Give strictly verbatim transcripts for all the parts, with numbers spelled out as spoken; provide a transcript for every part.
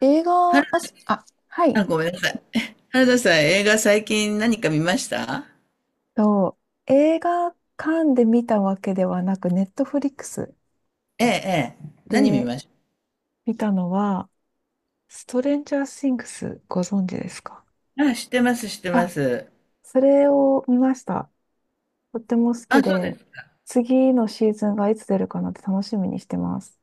映は画、さ あ、すあ、は い。あ、ごめんなさい。原田さん、映画最近何か見ました？と、映画館で見たわけではなく、ネットフリックスええ、ええ。何見でまし見たのは、ストレンジャー・シングス、ご存知ですか？た？あ、知ってます、知ってまあ、す。それを見ました。とっても好きあ、そうでで、すか。次のシーズンがいつ出るかなって楽しみにしてます。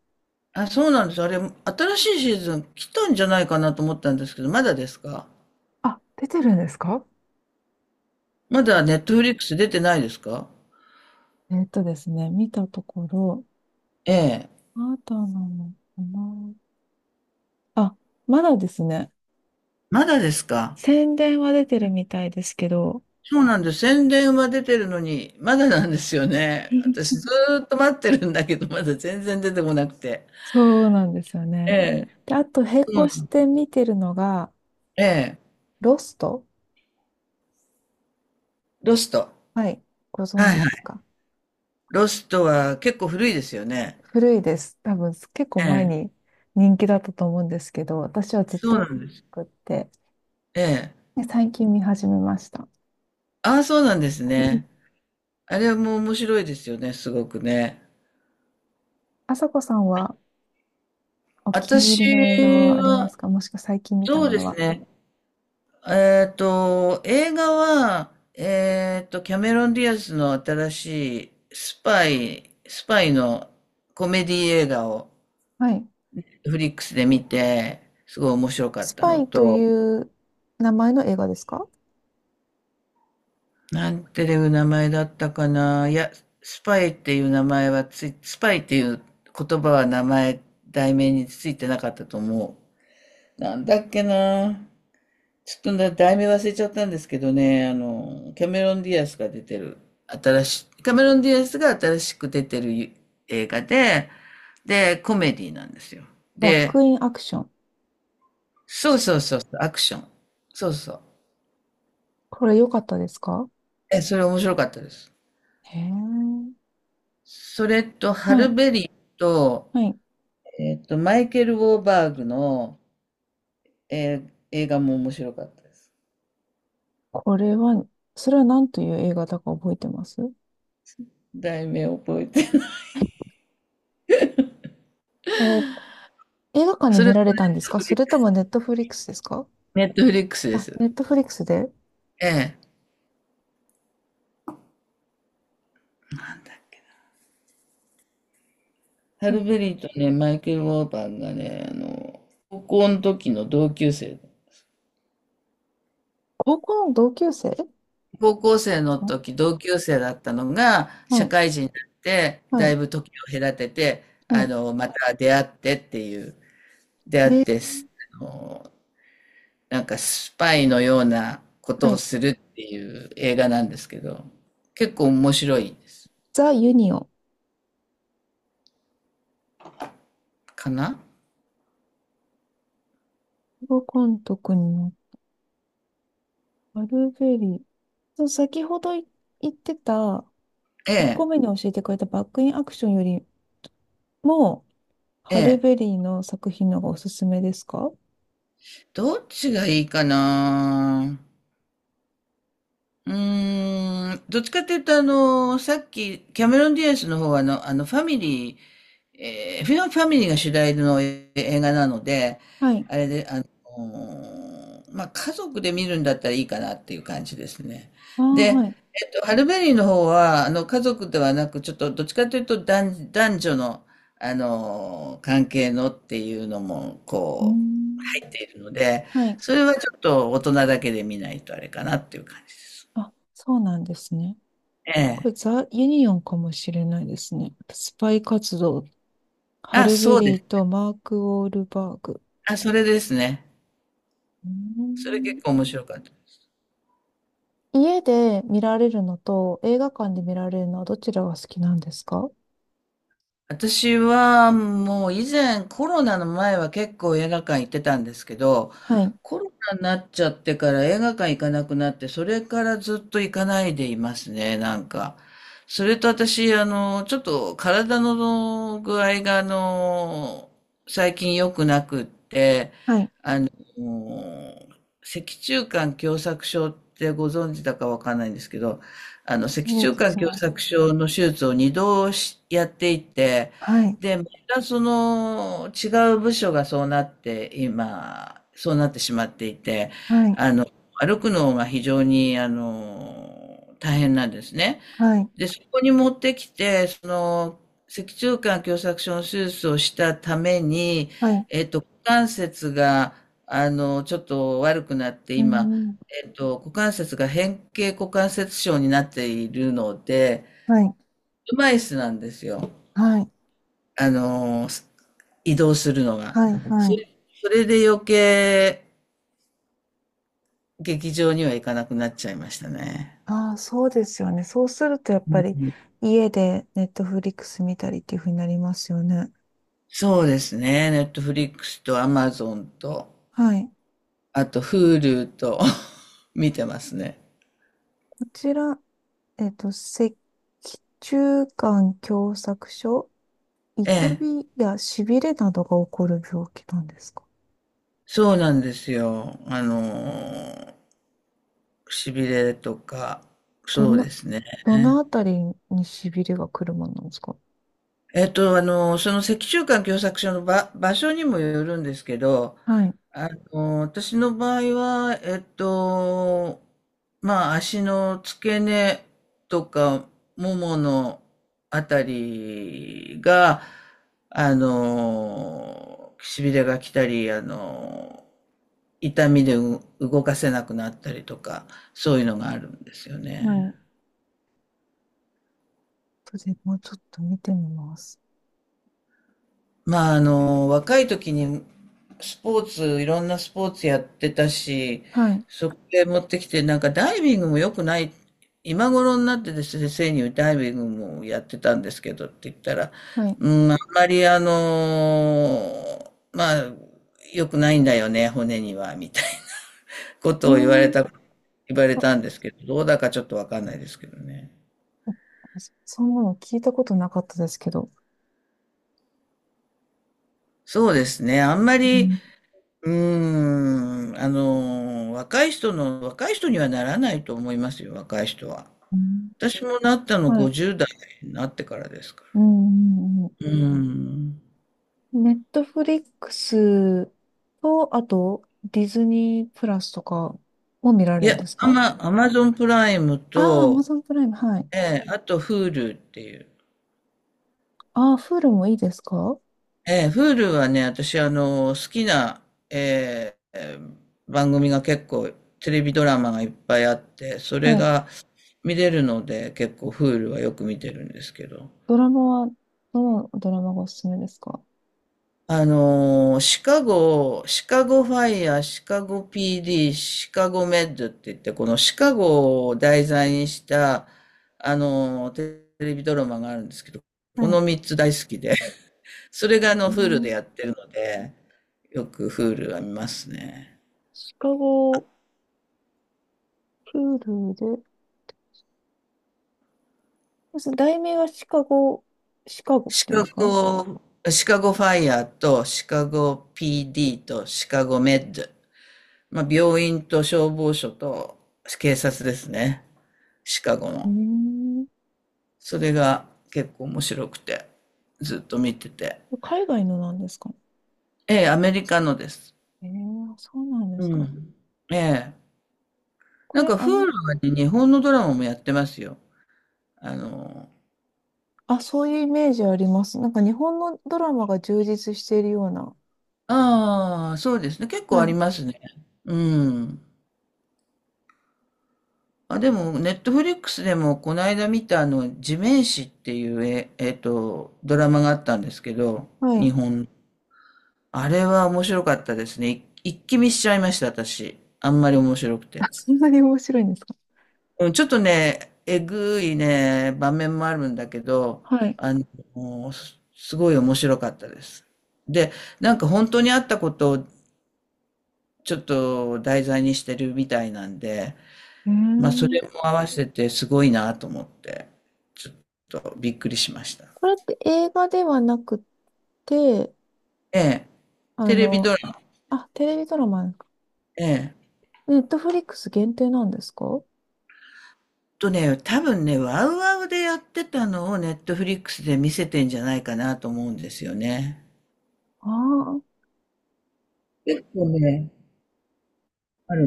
あ、そうなんです。あれ、新しいシーズン来たんじゃないかなと思ったんですけど、まだですか？あ、出てるんですか？まあ、だネットフリックス出てないですか？えーっとですね、見たところ、ええ。まだなのかな。あ、まだですね。まだですか？宣伝は出てるみたいですけど、そうなんです。宣伝は出てるのに、まだなんですよね。私ず ーっと待ってるんだけど、まだ全然出てこなくて。そうなんですよね。ええ。で、あと並そうな行しん、て見てるのが、ええ。ロスト。ロスト。はい。ご存はい知はですい、か？ロストは結構古いですよね。古いです。多分結構え前え。に人気だったと思うんですけど、私はずっそとう見なてんです。なくって、ええ。で最近見始めました。ああ、そうなんですね。あれはもう面白いですよね、すごくね。あさこさんはお気に入私りの映画はありまは、すか？もしくは最近見たそうもでのすは。ね。えっと、映画は、えっと、キャメロン・ディアスの新しいスパイ、スパイのコメディ映画をはい。フリックスで見て、すごい面白かっスたパのイとと、いう名前の映画ですか？なんていう名前だったかな。いや、スパイっていう名前はつい、スパイっていう言葉は名前、題名についてなかったと思う。なんだっけな。ちょっとな題名忘れちゃったんですけどね、あの、キャメロン・ディアスが出てる、新しい、キャメロン・ディアスが新しく出てる映画で、で、コメディなんですよ。バッで、クインアクション。そち、うそうそう、アクション。そうそう。これ良かったですか？え、それ面白かったです。へえ。それと、ハはルい。ベリーと、はい。えっと、マイケル・ウォーバーグの、えー映画も面白かったです。これは、それは何という映画だか覚えてます？題名覚えてない。えーっ、映画館でそれ見られはたんですか？それともネットフリックスですか？ネットフリックスであ、す。ネットフリックスで、ええ。なんだハうん、ルベリーとね、マイケル・ウォーバーグがね、あの、高校の時の同級生。高校の同級生で高校生すのか？時同級生だったのがは社い、会人になってはだい、いぶ時を隔ててはあい。のまた出会ってっていう出会えってー、す、あの、なんかスパイのようなことはをい。するっていう映画なんですけど、結構面白いです。ザ・ユニオン。かな、映画監督のアルベリー。そう、先ほどい言ってた、え1個え、目に教えてくれたバックインアクションよりも、えハルえ。ベリーの作品の方がおすすめですか？どっちがいいかな。うーん、どっちかっていうと、あの、さっき、キャメロン・ディアスの方は、あの、あの、ファミリー、えーフィンファミリーが主題の映画なので、はい。あれで、あのーまあ、家族で見るんだったらいいかなっていう感じですね。ああ、で、はい。えっと、ハルベリーの方は、あの、家族ではなく、ちょっと、どっちかというと男、男女の、あのー関係のっていうのも、うーこう、ん、入っているので、はい。それはちょっと大人だけで見ないとあれかなっていう感じです。あ、そうなんですね。えこえ。れザ・ユニオンかもしれないですね。スパイ活動。ハあ、ルベそうでリす。ーとマーク・ウォールバーグ。あ、それですね。うーそれ結構ん、面白かった。家で見られるのと映画館で見られるのはどちらが好きなんですか？私はもう以前コロナの前は結構映画館行ってたんですけど、はい。コロナになっちゃってから映画館行かなくなって、それからずっと行かないでいますね、なんか。それと私、あの、ちょっと体の具合が、あの、最近良くなくって、はい。あの、脊柱管狭窄症ってご存知だかわかんないんですけど、あの、脊初め柱て管き狭ました。窄症の手術をにどしやっていて、はい。で、またその違う部署がそうなって、今、そうなってしまっていて、はい。あの、歩くのが非常に、あの、大変なんですね。はい。で、そこに持ってきて、その、脊柱管狭窄症の手術をしたために、はい。えっと、股関節が、あの、ちょっと悪くなって、う今、んうん。えっと、股関節が変形股関節症になっているので、はい。車椅子なんですよ。はい。あの、移動するのが。はい。はそい。れ、それで余計、劇場には行かなくなっちゃいましたね。ああ、そうですよね。そうするとやっうぱりん、家でネットフリックス見たりっていうふうになりますよね。そうですね。ネットフリックスとアマゾンと。はい。あと、Hulu と 見てますね。こちら、えっと、赤中間狭窄症、え痛え、みやしびれなどが起こる病気なんですか？そうなんですよ。あのー、しびれとか、どそんうな、ですね。どのあたりにしびれが来るものなんですか？えっと、あの、その脊柱管狭窄症の場、場所にもよるんですけど、はい。あの、私の場合は、えっと、まあ、足の付け根とか、もものあたりが、あの、しびれが来たり、あの、痛みでう動かせなくなったりとか、そういうのがあるんですよはね。い。それもうちょっと見てみます。まあ、あの、若い時にスポーツ、いろんなスポーツやってたし、はい。そこで持ってきて、なんかダイビングも良くない、今頃になってですね、先生にダイビングもやってたんですけどって言ったら、はい。うん、あんまりあの、まあ、良くないんだよね、骨には、みたいなこえとを言われー、た、言われそ、たんですけど、どうだかちょっとわかんないですけどね。そんなの聞いたことなかったですけど。そうですね。あんまうり、んうーん、あの、若い人の若い人にはならないと思いますよ、若い人は。うん、私もなったのはい。ごじゅう代になってからですかうんうん、ら。うん。うん。ネットフリックスと、あと、ディズニープラスとかも見らいれるんや、ですアか？マ、アマゾンプライムああ、アマと、ゾンプライム、はい。ええ、あと Hulu っていう。ああ、フールもいいですか？ええ、Hulu はね、私、あの、好きな、ええ、ええ番組が結構、テレビドラマがいっぱいあって、それはい。が見れるので、結構 Hulu はよく見てるんですけど。ドラマは、どのドラマがおすすめですか？あのーシカゴ、シカゴファイヤー、シカゴ ピーディー、シカゴメッドって言って、このシカゴを題材にした、あのーテレビドラマがあるんですけど、はこい。のみっつ大好きで、それがあの、うフ u でん、やってるので、よくフールは見ますね。シカゴ、フールで、そう題名はシカゴ、シカゴっシていうんカですか？ゴ、シカゴファイヤーとシカゴ ピーディー とシカゴメッド。まあ、病院と消防署と警察ですね。シカゴえの。ー、それが結構面白くて、ずっと見てて。海外のなんですか？ええ、アメリカのです。えー、そうなんでうすか？ん。ええ。こなんれ、か あの、 Hulu に日本のドラマもやってますよ。あの、あ、そういうイメージあります。なんか日本のドラマが充実しているような。ああ、そうですね。結は構ありい。ますね。うん。あ、でも、ネットフリックスでも、この間見た、あの、地面師っていう、え、えっと、ドラマがあったんですけど、は日い。本。あれは面白かったですね。い一気見しちゃいました、私。あんまり面白くあ、て。そんなに面白いんですか？うんちょっとね、えぐいね、場面もあるんだけど、はい。あの、すすごい面白かったです。で、なんか本当にあったことをちょっと題材にしてるみたいなんで、うーまあそん。れも合わせてすごいなと思って、ちょっとびっくりしました。これって映画ではなくて、ええ、あテレビの、ドラマ。あ、テレビドラマなんですか？ええ。ネットフリックス限定なんですか？とね、多分ね、ワウワウでやってたのをネットフリックスで見せてんじゃないかなと思うんですよね。ああ結構ね、